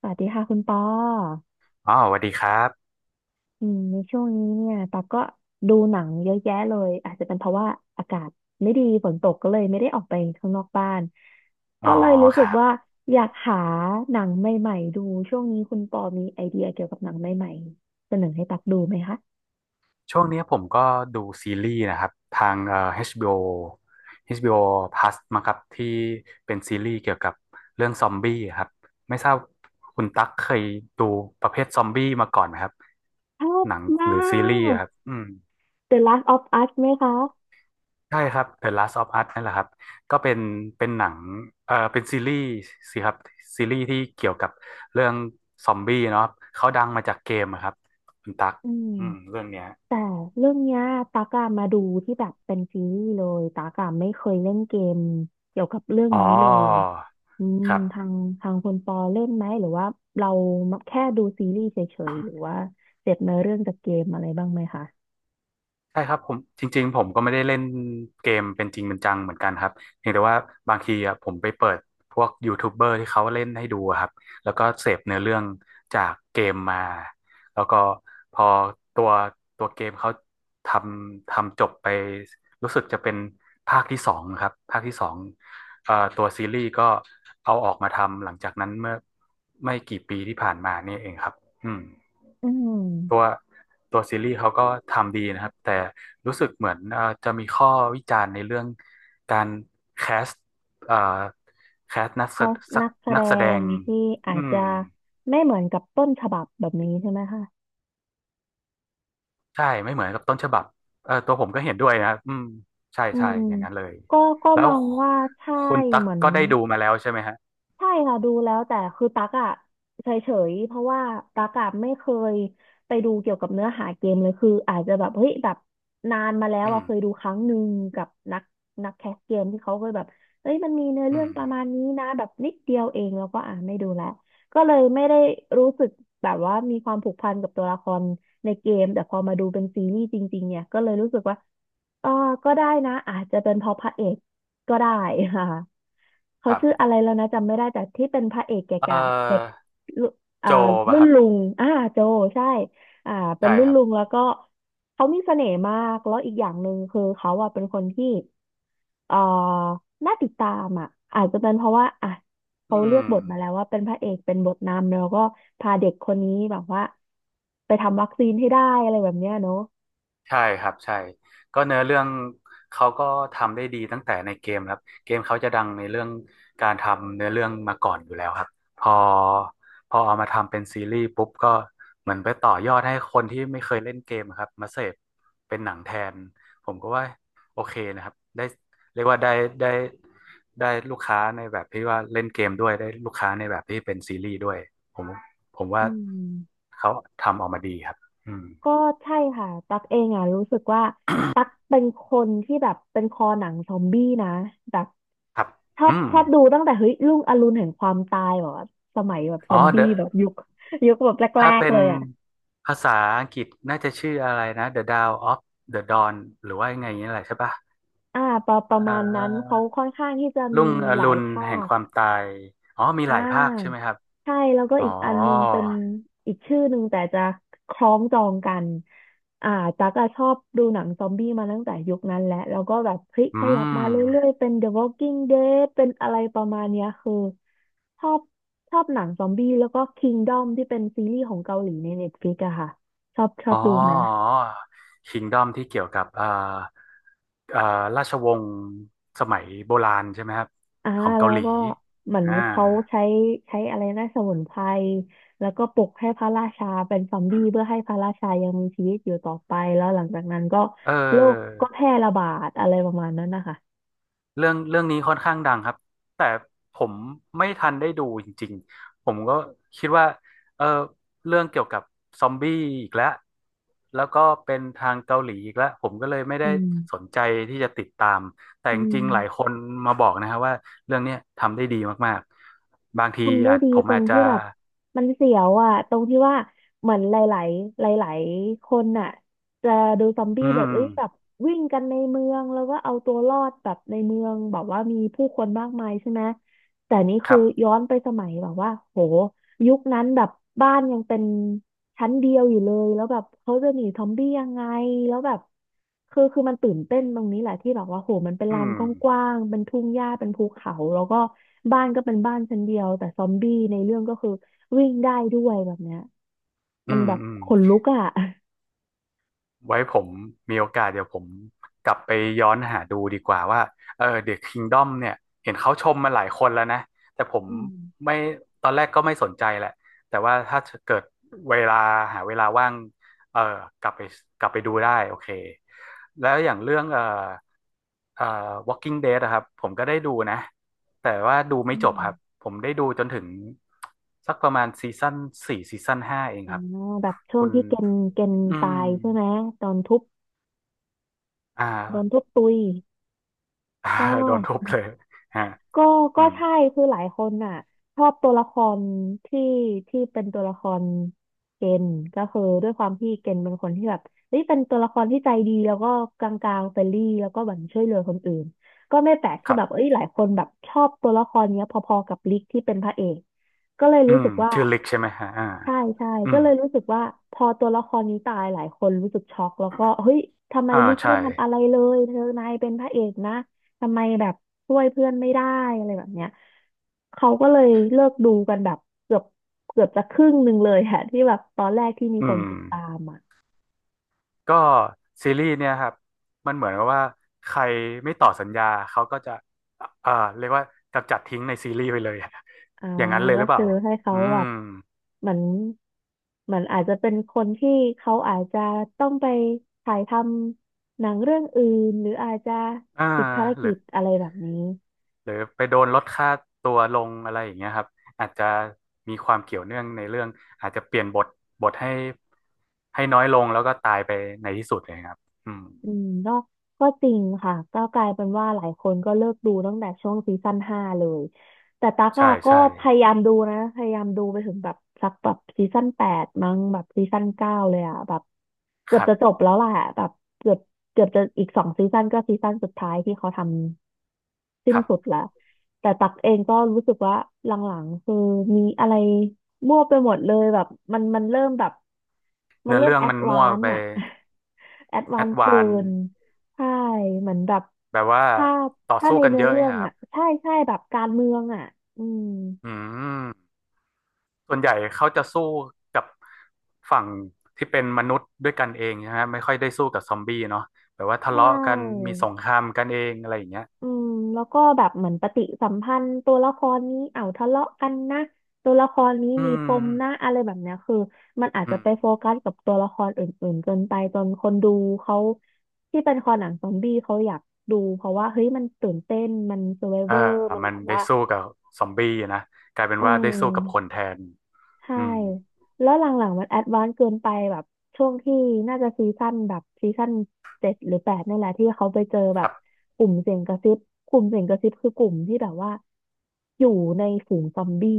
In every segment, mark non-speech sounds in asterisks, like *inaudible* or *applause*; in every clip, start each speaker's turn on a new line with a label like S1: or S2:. S1: สวัสดีค่ะคุณปอ
S2: อ๋อสวัสดีครับ
S1: ในช่วงนี้เนี่ยตอกก็ดูหนังเยอะแยะเลยอาจจะเป็นเพราะว่าอากาศไม่ดีฝนตกก็เลยไม่ได้ออกไปข้างนอกบ้าน
S2: อ๋
S1: ก็
S2: อ
S1: เลยรู้
S2: ค
S1: สึก
S2: รับ
S1: ว่าอยากหาหนังใหม่ๆดูช่วงนี้คุณปอมีไอเดียเกี่ยวกับหนังใหม่ๆเสนอให้ตักดูไหมคะ
S2: ช่วงเนี้ยผมก็ดูซีรีส์นะครับทางHBO ีโอเอชบีโอ Plus มาครับที่เป็นซีรีส์เกี่ยวกับเรื่องซอมบี้ครับไม่ทราบคุณตั๊กเคยดูประเภทซอมบี้มาก่อนไหมครับ
S1: ชอบ
S2: หนังห
S1: มา
S2: รือซีรีส์
S1: ก
S2: อะครับ
S1: The Last of Us ไหมคะ
S2: ใช่ครับ The Last of Us นั่นแหละครับก็เป็นหนังเป็นซีรีส์สิครับซีรีส์ที่เกี่ยวกับเรื่องซอมบี้เนาะเขาดังมาจากเกมอะครับคุณตั๊ก
S1: อืม
S2: เรื่องเนี้ย
S1: แต่เรื่องเนี้ยตากอะมาดูที่แบบเป็นซีรีส์เลยตากอะไม่เคยเล่นเกมเกี่ยวกับเรื่อง
S2: อ๋อ
S1: นี้เลยอืม
S2: ครับ
S1: ทางทางคนปอเล่นไหมหรือว่าเราแค่ดูซีรีส์เฉยๆหรือว่าเสพเนื้อเรื่องจากเกมอะไรบ้างไหมคะ
S2: ใช่ครับผมจริงๆผมก็ไม่ได้เล่นเกมเป็นจริงเป็นจังเหมือนกันครับเพียงแต่ว่าบางทีอ่ะผมไปเปิดพวกยูทูบเบอร์ที่เขาเล่นให้ดูอะครับ แล้วก็เสพเนื้อเรื่องจากเกมมา แล้วก็พอตัวตัวเกมเขาททำจบไปรู้สึกจะเป็นภาคที่สองครับภาคที่สองตัวซีรีส์ก็เอาออกมาทำหลังจากนั้นเมื่อไม่กี่ปีที่ผ่านมานี่เองครับอืม
S1: อื
S2: ตัว
S1: ม
S2: ตัวซีรีส์เขาก็ทำดีนะครับแต่รู้สึกเหมือนจะมีข้อวิจารณ์ในเรื่องการแคสเอ่อแคสนักแส
S1: ถ้า
S2: สัก
S1: นักแสด
S2: นักแสด
S1: ง
S2: ง
S1: ที่อา
S2: อื
S1: จ
S2: ม
S1: จะไม่เหมือนกับต้นฉบับแบบนี้ใช่ไหมคะ
S2: ใช่ไม่เหมือนกับต้นฉบับเออตัวผมก็เห็นด้วยนะครับอืมใช่
S1: อื
S2: ใช่
S1: ม
S2: อย่างนั้นเลย
S1: ก็ก็
S2: แล้
S1: ม
S2: ว
S1: องว่าใช่
S2: คุณตั๊ก
S1: เหมือน
S2: ก็ได้ดูมาแล้วใช่ไหมฮะ
S1: ใช่ค่ะดูแล้วแต่คือตั๊กอะเฉยๆเพราะว่าตั๊กอะไม่เคยไปดูเกี่ยวกับเนื้อหาเกมเลยคืออาจจะแบบเฮ้ยแบบนานมาแล้ว
S2: อื
S1: อะ
S2: ม
S1: เคยดูครั้งหนึ่งกับนักแคสเกมที่เขาเคยแบบเอ้ยมันมีเนื้อเรื่
S2: อื
S1: อง
S2: ม
S1: ประมาณนี้นะแบบนิดเดียวเองแล้วก็ไม่ดูแล้วก็เลยไม่ได้รู้สึกแบบว่ามีความผูกพันกับตัวละครในเกมแต่พอมาดูเป็นซีรีส์จริงๆเนี่ยก็เลยรู้สึกว่าเออก็ได้นะอาจจะเป็นเพราะพระเอก ก็ได้ค่ะเขา
S2: ครั
S1: ชื่ออะไร
S2: บ
S1: แล้วนะจำไม่ได้แต่ที่เป็นพระเอก
S2: เอ่อ
S1: แก่ๆเด็กรุ่นอ่า
S2: โจป่ะ
S1: รุ่
S2: ค
S1: น
S2: รับ
S1: ลุงโจใช่อ่าเป็น
S2: ใช่
S1: รุ่
S2: ค
S1: น
S2: รับ
S1: ลุงแล้วก็เขามีเสน่ห์มากแล้วอีกอย่างหนึ่งคือเขาอ่ะเป็นคนที่เอ่อน่าติดตามอ่ะอาจจะเป็นเพราะว่าอ่ะเขา
S2: อื
S1: เลือก
S2: ม
S1: บทมาแล้วว่าเป็นพระเอกเป็นบทนำแล้วก็พาเด็กคนนี้แบบว่าไปทำวัคซีนให้ได้อะไรแบบเนี้ยเนอะ
S2: ใช่ครับใช่ก็เนื้อเรื่องเขาก็ทำได้ดีตั้งแต่ในเกมครับเกมเขาจะดังในเรื่องการทำเนื้อเรื่องมาก่อนอยู่แล้วครับพอพอเอามาทำเป็นซีรีส์ปุ๊บก็เหมือนไปต่อยอดให้คนที่ไม่เคยเล่นเกมครับมาเสพเป็นหนังแทนผมก็ว่าโอเคนะครับได้เรียกว่าได้ได้ลูกค้าในแบบที่ว่าเล่นเกมด้วยได้ลูกค้าในแบบที่เป็นซีรีส์ด้วยผมผมว่า
S1: อืม
S2: เขาทำออกมาดีครับอืม
S1: ก็ใช่ค่ะตักเองอ่ะรู้สึกว่าตักเป็นคนที่แบบเป็นคอหนังซอมบี้นะแบบ
S2: ครับ
S1: ชอ
S2: อื
S1: บ
S2: ม
S1: ชอบดูตั้งแต่เฮ้ยรุ่งอรุณแห่งความตายแบบว่าสมัยแบบซอ
S2: อ๋อ
S1: มบี้
S2: The
S1: แบบยุคแบบแร
S2: ถ้า
S1: ก
S2: เป็
S1: ๆ
S2: น
S1: เลยอ่ะ
S2: ภาษาอังกฤษน่าจะชื่ออะไรนะ The Dawn of the Dawn หรือว่ายังไงอย่างนี้แหละใช่ปะ
S1: อ่าประ
S2: เอ่
S1: มาณนั้น
S2: อ
S1: เขาค่อนข้างที่จะ
S2: รุ่
S1: มี
S2: งอ
S1: ห
S2: รุ
S1: ลาย
S2: ณ
S1: ภา
S2: แห่ง
S1: ค
S2: ความตายอ๋อมี
S1: อ่
S2: หลายภาคใช่ไหม
S1: า
S2: ครับ
S1: ใช่แล้วก็
S2: อ๋อ
S1: อีกอันนึงเป็นอีกชื่อหนึ่งแต่จะคล้องจองกันอ่าตั๊กอะชอบดูหนังซอมบี้มาตั้งแต่ยุคนั้นแหละแล้วก็แบบพลิกข
S2: อื
S1: ยับมา
S2: ม
S1: เรื่อยๆเป็น The Walking Dead เป็นอะไรประมาณเนี้ยคือชอบชอบหนังซอมบี้แล้วก็ Kingdom ที่เป็นซีรีส์ของเกาหลีใน Netflix อะค่ะชอบชอ
S2: อ๋
S1: บ
S2: อ
S1: ดูไหม
S2: k i n d o m ที่เกี่ยวกับเอ่อราชวงศ์สมัยโบราณใช่ไหมครับ
S1: อ่า
S2: ของเกา
S1: แล้
S2: ห
S1: ว
S2: ลี
S1: ก็เหมือน
S2: อ่า
S1: เขาใช้อะไรนะสมุนไพรแล้วก็ปลุกให้พระราชาเป็นซอมบี้เพื่อให้พระราชายังมีชีวิตอยู่ต่อไปแล้วหลังจากนั้นก็
S2: เอ
S1: โรค
S2: อ
S1: ก็แพร่ระบาดอะไรประมาณนั้นนะคะ
S2: เรื่องเรื่องนี้ค่อนข้างดังครับแต่ผมไม่ทันได้ดูจริงๆผมก็คิดว่าเออเรื่องเกี่ยวกับซอมบี้อีกแล้วแล้วก็เป็นทางเกาหลีอีกแล้วผมก็เลยไม่ได้
S1: อืม
S2: สนใจที่จะติดตามแต่
S1: อื
S2: จริงๆหลายค
S1: ม
S2: นมาบอกนะครับว่าเรื่องเนี้ยทำได้ดีมากๆบางที
S1: ทำได้
S2: อาจ
S1: ดี
S2: ผม
S1: ตร
S2: อา
S1: ง
S2: จจะ
S1: ที่แบบมันเสียวอ่ะตรงที่ว่าเหมือนหลายๆหลายๆคนน่ะจะดูซอมบี้
S2: อื
S1: แบบ
S2: ม
S1: เอ้ยแบบวิ่งกันในเมืองแล้วก็เอาตัวรอดแบบในเมืองแบบว่ามีผู้คนมากมายใช่ไหมแต่นี่
S2: ค
S1: คือ
S2: รั
S1: ย้อ
S2: บ
S1: นไปสมัยแบบว่าโห ยุคนั้นแบบบ้านยังเป็นชั้นเดียวอยู่เลยแล้วแบบเขาจะหนีซอมบี้ยังไงแล้วแบบคือมันตื่นเต้นตรงนี้แหละที่แบบว่าโหมันเป็น
S2: อื
S1: ลาน
S2: ม
S1: กว้างๆเป็นทุ่งหญ้าเป็นภูเขาแล้วก็บ้านก็เป็นบ้านชั้นเดียวแต่ซอมบี้ในเรื่องก็คือวิ่งได้ด้วยแบบเนี้ย
S2: อื
S1: มัน
S2: ม
S1: แบบ
S2: อืม
S1: ขนลุกอ่ะ
S2: ไว้ผมมีโอกาสเดี๋ยวผมกลับไปย้อนหาดูดีกว่าว่าเออ The Kingdom เนี่ยเห็นเขาชมมาหลายคนแล้วนะแต่ผม
S1: อืม
S2: ไม่ตอนแรกก็ไม่สนใจแหละแต่ว่าถ้าเกิดเวลาหาเวลาว่างเออกลับไปกลับไปดูได้โอเคแล้วอย่างเรื่องเออ Walking Dead นะครับผมก็ได้ดูนะแต่ว่าดูไม่
S1: อื
S2: จบ
S1: ม
S2: ครับผมได้ดูจนถึงสักประมาณซีซั่นสี่ซีซั่นห้าเอง
S1: อ่า
S2: ครับ
S1: แบบช่ว
S2: คุ
S1: ง
S2: ณ
S1: ที่เกณฑ์
S2: อื
S1: ตา
S2: ม
S1: ยใช่ไหมตอนทุบ
S2: อ่า
S1: โดนทุบตุย
S2: *laughs* อ่า
S1: ก็
S2: โดนทุบเลย *laughs* ฮะ
S1: ก็
S2: อื
S1: ก็
S2: ม
S1: ใช่คือหลายคนน่ะชอบตัวละครที่ที่เป็นตัวละครเกณฑ์ก็คือด้วยความที่เกณฑ์เป็นคนที่แบบเฮ้ยเป็นตัวละครที่ใจดีแล้วก็กลางๆเฟรนลี่แล้วก็แบบช่วยเหลือคนอื่นก็ไม่แปลก
S2: ค
S1: ที่
S2: รับ
S1: แบบเอ้ยหลายคนแบบชอบตัวละครเนี้ยพอๆกับลิกที่เป็นพระเอกก็เลย
S2: อื
S1: รู้
S2: ม
S1: สึกว่า
S2: ชื่อลิกใช่ไหมฮะอ่า
S1: ใช่ใช่
S2: อื
S1: ก็
S2: ม
S1: เลยรู้สึกว่าพอตัวละครนี้ตายหลายคนรู้สึกช็อกแล้วก็เฮ้ยทำไม
S2: อ่า
S1: ลิก
S2: ใช่
S1: ไม่ทำอะไรเลยเธอนายเป็นพระเอกนะทำไมแบบช่วยเพื่อนไม่ได้อะไรแบบเนี้ยเขาก็เลยเลิกดูกันแบบเกือบเกือบจะครึ่งหนึ่งเลยอะที่แบบตอนแรกที่มี
S2: อื
S1: คน
S2: ม
S1: ติดตามอ่ะ
S2: ก็ซีรีส์เนี่ยครับ มันเหมือนกับว่าใครไม่ต่อสัญญา เขาก็จะเอ่าเรียกว่ากำจัดทิ้งในซีรีส์ไปเลย
S1: อ่า
S2: *laughs* อย่างนั้นเลยห
S1: ก็
S2: รือเป
S1: คื
S2: ล่า
S1: อให้เขา
S2: อื
S1: แบ
S2: ม
S1: บเหมือนเหมือนอาจจะเป็นคนที่เขาอาจจะต้องไปถ่ายทำหนังเรื่องอื่นหรืออาจจะ
S2: อ่า
S1: ติดภาร
S2: หรื
S1: กิ
S2: อ
S1: จอะไรแบบนี้
S2: ไปโดนลดค่าตัวลงอะไรอย่างเงี้ยครับ อาจจะมีความเกี่ยวเนื่องในเรื่องอาจจะเปลี่ยนบท บทให้น้อยลงแล้วก็ตายไปในที่สุดเลยครับอืม
S1: อืมก็จริงค่ะก็กลายเป็นว่าหลายคนก็เลิกดูตั้งแต่ช่วงซีซั่น5เลยแต่ตั๊ก
S2: ใช่
S1: อะก็
S2: ใช่
S1: พยายามดูนะพยายามดูไปถึงแบบสักแบบซีซั่นแปดมั้งแบบซีซั่น9เลยอะแบบเกื
S2: ค
S1: อบ
S2: รั
S1: จะจบ
S2: บ
S1: แล้วแหละแบบเกือบเกือบจะอีกสองซีซั่นก็ซีซั่นสุดท้ายที่เขาทำสิ้
S2: ค
S1: น
S2: รั
S1: สุด
S2: บ
S1: ละแต่ตั๊กเองก็รู้สึกว่าหลังๆคือมีอะไร มั่วไปหมดเลยแบบมันเริ่มแบบมัน
S2: เนื้อ
S1: เริ่ม
S2: เรื่อง
S1: แอ
S2: มั
S1: ด
S2: น
S1: วา
S2: มั่ว
S1: น
S2: ไป
S1: ซ์อะ *laughs* แอดวา
S2: แอ
S1: น
S2: ด
S1: ซ์เกิ
S2: วาน
S1: นใช่เหมือนแบบ
S2: แบบว่า
S1: ถ้า
S2: ต่อ
S1: ถ้า
S2: สู้
S1: ใน
S2: กัน
S1: เนื้
S2: เย
S1: อ
S2: อะอ
S1: เรื่
S2: ย่าง
S1: อ
S2: เงี้
S1: ง
S2: ยครั
S1: อะ
S2: บ
S1: ใช่ใช่แบบการเมืองอะอืม
S2: อืมส่วนใหญ่เขาจะสู้กับฝั่งที่เป็นมนุษย์ด้วยกันเองนะฮะไม่ค่อยได้สู้กับซอมบี้เนาะแบบว่า
S1: ใช
S2: ทะเลาะกัน
S1: ่
S2: มีสงครามกันเองอะไรอย่างเงี้ย
S1: อืมแล้วก็แบบเหมือนปฏิสัมพันธ์ตัวละครนี้เอ้าทะเลาะกันนะตัวละครนี้
S2: อื
S1: มีปมนะ
S2: ม
S1: อะไรแบบเนี้ยคือมันอาจ
S2: อื
S1: จะ
S2: ม
S1: ไปโฟกัสกับตัวละครอื่นๆจนไปจนคนดูเขาที่เป็นคอหนังซอมบี้เขาอยากดูเพราะว่าเฮ้ยมันตื่นเต้นมัน s ซ r v i v
S2: เอ
S1: เว
S2: อ
S1: อร์มัน
S2: มั
S1: แบ
S2: น
S1: บ
S2: ได้
S1: ว่า
S2: สู้กับซอมบี้นะกลายเป็น
S1: เออ
S2: ว่าได้สู้กับคนแทน
S1: ใช่
S2: อืม
S1: แล้วหลังๆมันแอดวานซ์เกินไปแบบช่วงที่น่าจะซีซั่นแบบซีซั่น7หรือแปดนี่แหละที่เขาไปเจอแบ
S2: ค
S1: บ
S2: รับ
S1: กลุ่มเสียงกระซิบ กลุ่มเสียงกระซิบคือกลุ่มที่แบบว่าอยู่ในฝูงซอมบี้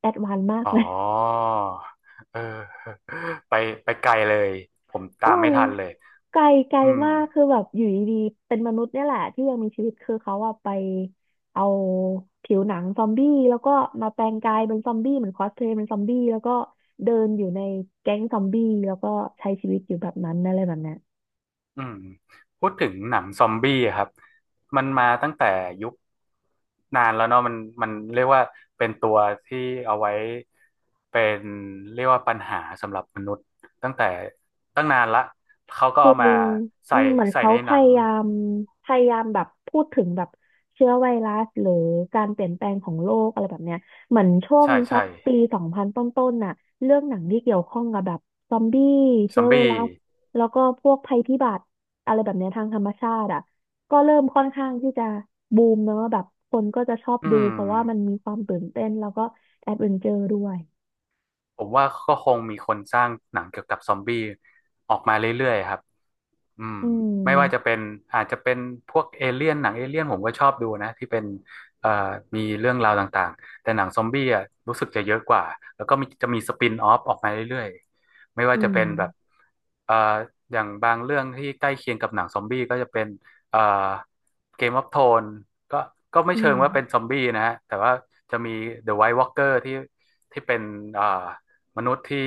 S1: แอดวานซ์มาก
S2: อ๋
S1: ไห
S2: อ
S1: ม
S2: เออ *laughs* ไปไกลเลยผม
S1: เอ
S2: ตามไม่
S1: อ
S2: ทันเลย
S1: ไกลไกล
S2: อืม
S1: มากคือแบบอยู่ดีๆเป็นมนุษย์เนี่ยแหละที่ยังมีชีวิตคือเขาอะไปเอาผิวหนังซอมบี้แล้วก็มาแปลงกายเป็นซอมบี้เหมือนคอสเพลย์เป็นซอมบี้แล้วก็เดินอยู่ในแก๊งซอมบี้แล้วก็ใช้ชีวิตอยู่แบบนั้นอะไรแบบเนี้ย
S2: อืมพูดถึงหนังซอมบี้อะครับมันมาตั้งแต่ยุคนานแล้วเนาะมันเรียกว่าเป็นตัวที่เอาไว้เป็นเรียกว่าปัญหาสำหรับมนุษย์ตั้งแต่ตั้งนานละเขาก็
S1: คือ
S2: เอามา
S1: อื
S2: ใส่
S1: มเหมือน
S2: ใส่
S1: เขา
S2: ใน
S1: พ
S2: หนัง
S1: ยายามพยายามแบบพูดถึงแบบเชื้อไวรัสหรือการเปลี่ยนแปลงของโลกอะไรแบบเนี้ยเหมือนช่วง
S2: ใช่
S1: สั
S2: ใช่
S1: กปี2000ต้นๆน่ะเรื่องหนังที่เกี่ยวข้องกับแบบซอมบี้
S2: ซ
S1: เชื้
S2: อ
S1: อ
S2: ม
S1: ไว
S2: บี้
S1: รัสแล้วก็พวกภัยพิบัติอะไรแบบเนี้ยทางธรรมชาติอ่ะก็เริ่มค่อนข้างที่จะบูมเนอะแบบคนก็จะชอบ
S2: อื
S1: ดู
S2: ม
S1: เพราะว่ามันมีความตื่นเต้นแล้วก็แอดเวนเจอร์ด้วย
S2: ผมว่าก็คงมีคนสร้างหนังเกี่ยวกับซอมบี้ออกมาเรื่อยๆครับอืม
S1: อื
S2: ไม่ว่าจะ
S1: ม
S2: เป็นอาจจะเป็นพวกเอเลี่ยนหนังเอเลี่ยนผมก็ชอบดูนะที่เป็นเอ่อมีเรื่องราวต่างๆแต่หนังซอมบี้อ่ะรู้สึกจะเยอะกว่าแล้วก็มีจะมีสปินออฟออกมาเรื่อยๆไม่ว่า
S1: อื
S2: จะ
S1: ม
S2: เป็นแบบเอ่ออย่างบางเรื่องที่ใกล้เคียงกับหนังซอมบี้ก็จะเป็นเอ่อเกมออฟโทนก็ก็ไม่
S1: อื
S2: เชิ
S1: ม
S2: งว่าเป็นซอมบี้นะฮะแต่ว่าจะมี The White Walker ที่เป็นเอ่อ มนุษย์ที่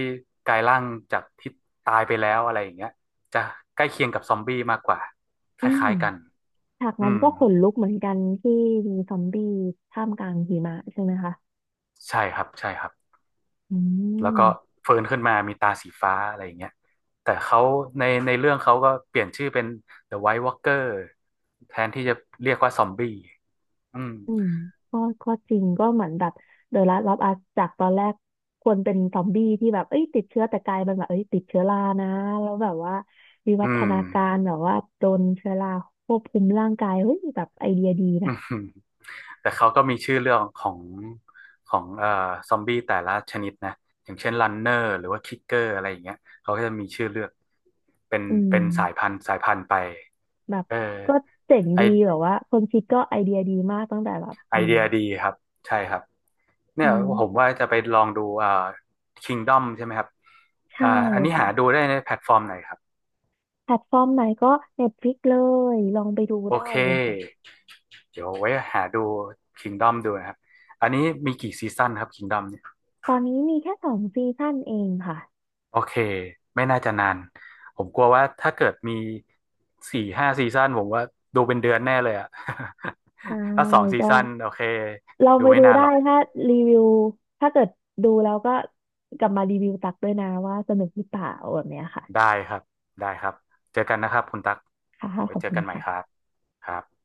S2: กลายร่างจากที่ตายไปแล้วอะไรอย่างเงี้ยจะใกล้เคียงกับซอมบี้มากกว่าค
S1: อืม
S2: ล้ายๆกัน
S1: ฉากนั้
S2: อื
S1: น
S2: ม
S1: ก็ขนลุกเหมือนกันที่มีซอมบี้ท่ามกลางหิมะใช่ไหมคะ
S2: ใช่ครับใช่ครับ
S1: อื
S2: แล้ว
S1: ม
S2: ก็ฟื้นขึ้นมามีตาสีฟ้าอะไรอย่างเงี้ยแต่เขาในเรื่องเขาก็เปลี่ยนชื่อเป็น The White Walker แทนที่จะเรียกว่าซอมบี้อืม
S1: อืมก็ก็จริงก็เหมือนแบบเดอะลาสต์ออฟอัสจากตอนแรกควรเป็นซอมบี้ที่แบบเอ้ยติดเชื้อแต่กลายเป็นแบบเอ้ยติดเชื้อรานะแล้วแบบว่าวิวั
S2: อื
S1: ฒ
S2: ม
S1: นาการแบบว่าโดนเชื้อราควบคุมร่างกายเฮ้ยแบบไอเดียดี
S2: *laughs* อื
S1: นะ
S2: ม แต่เขาก็มีชื่อเรื่องของของเอ่อซอมบี้แต่ละชนิดนะอย่างเช่นรันเนอร์หรือว่าคิกเกอร์อะไรอย่างเงี้ยเขาก็จะมีชื่อเลือกเป็น
S1: อื
S2: เป็น
S1: ม
S2: สายพันธุ์สายพันธุ์ไป
S1: แบบ
S2: เออ
S1: ก็เจ๋ง
S2: ไอ
S1: ดีแบบว่าคนคิดก็ไอเดียดีมากตั้งแต่แบบ
S2: ไอ
S1: อืม
S2: เดียดีครับใช่ครับเนี่ย
S1: อืม
S2: ผมว่าจะไปลองดูอ่า Kingdom ใช่ไหมครับ
S1: ใช่
S2: อ่าอันนี้
S1: ค่ะ
S2: หาดูได้ในแพลตฟอร์มไหนครับ
S1: แพลตฟอร์มไหนก็ Netflix เลยลองไปดู
S2: โอ
S1: ได้
S2: เค
S1: เลยค่ะ
S2: เดี๋ยวไว้หาดู Kingdom ดูนะครับอันนี้มีกี่ซีซั่นครับ Kingdom เนี่ย
S1: ตอนนี้มีแค่สองซีซั่นเองค่ะ
S2: โอเค ไม่น่าจะนาน ผมกลัวว่าถ้าเกิดมี4-5ซีซั่นผมว่าดูเป็นเดือนแน่เลยอะ
S1: ใช่
S2: *laughs* ถ้าสองซี
S1: ก็
S2: ซั่นโอเค
S1: ลอง
S2: ดู
S1: ไป
S2: ไม่
S1: ดู
S2: นาน
S1: ได้
S2: หรอก
S1: ถ้ารีวิวถ้าเกิดดูแล้วก็กลับมารีวิวตักด้วยนะว่าสนุกหรือเปล่าแบบเนี้ยค่ะ
S2: ได้ครับ ได้ครับ เจอกันนะครับคุณตั๊ก
S1: ค่ะ
S2: ไว้
S1: ขอบ
S2: เจอ
S1: คุณ
S2: กันใหม่ครั
S1: ค่ะ
S2: บครับ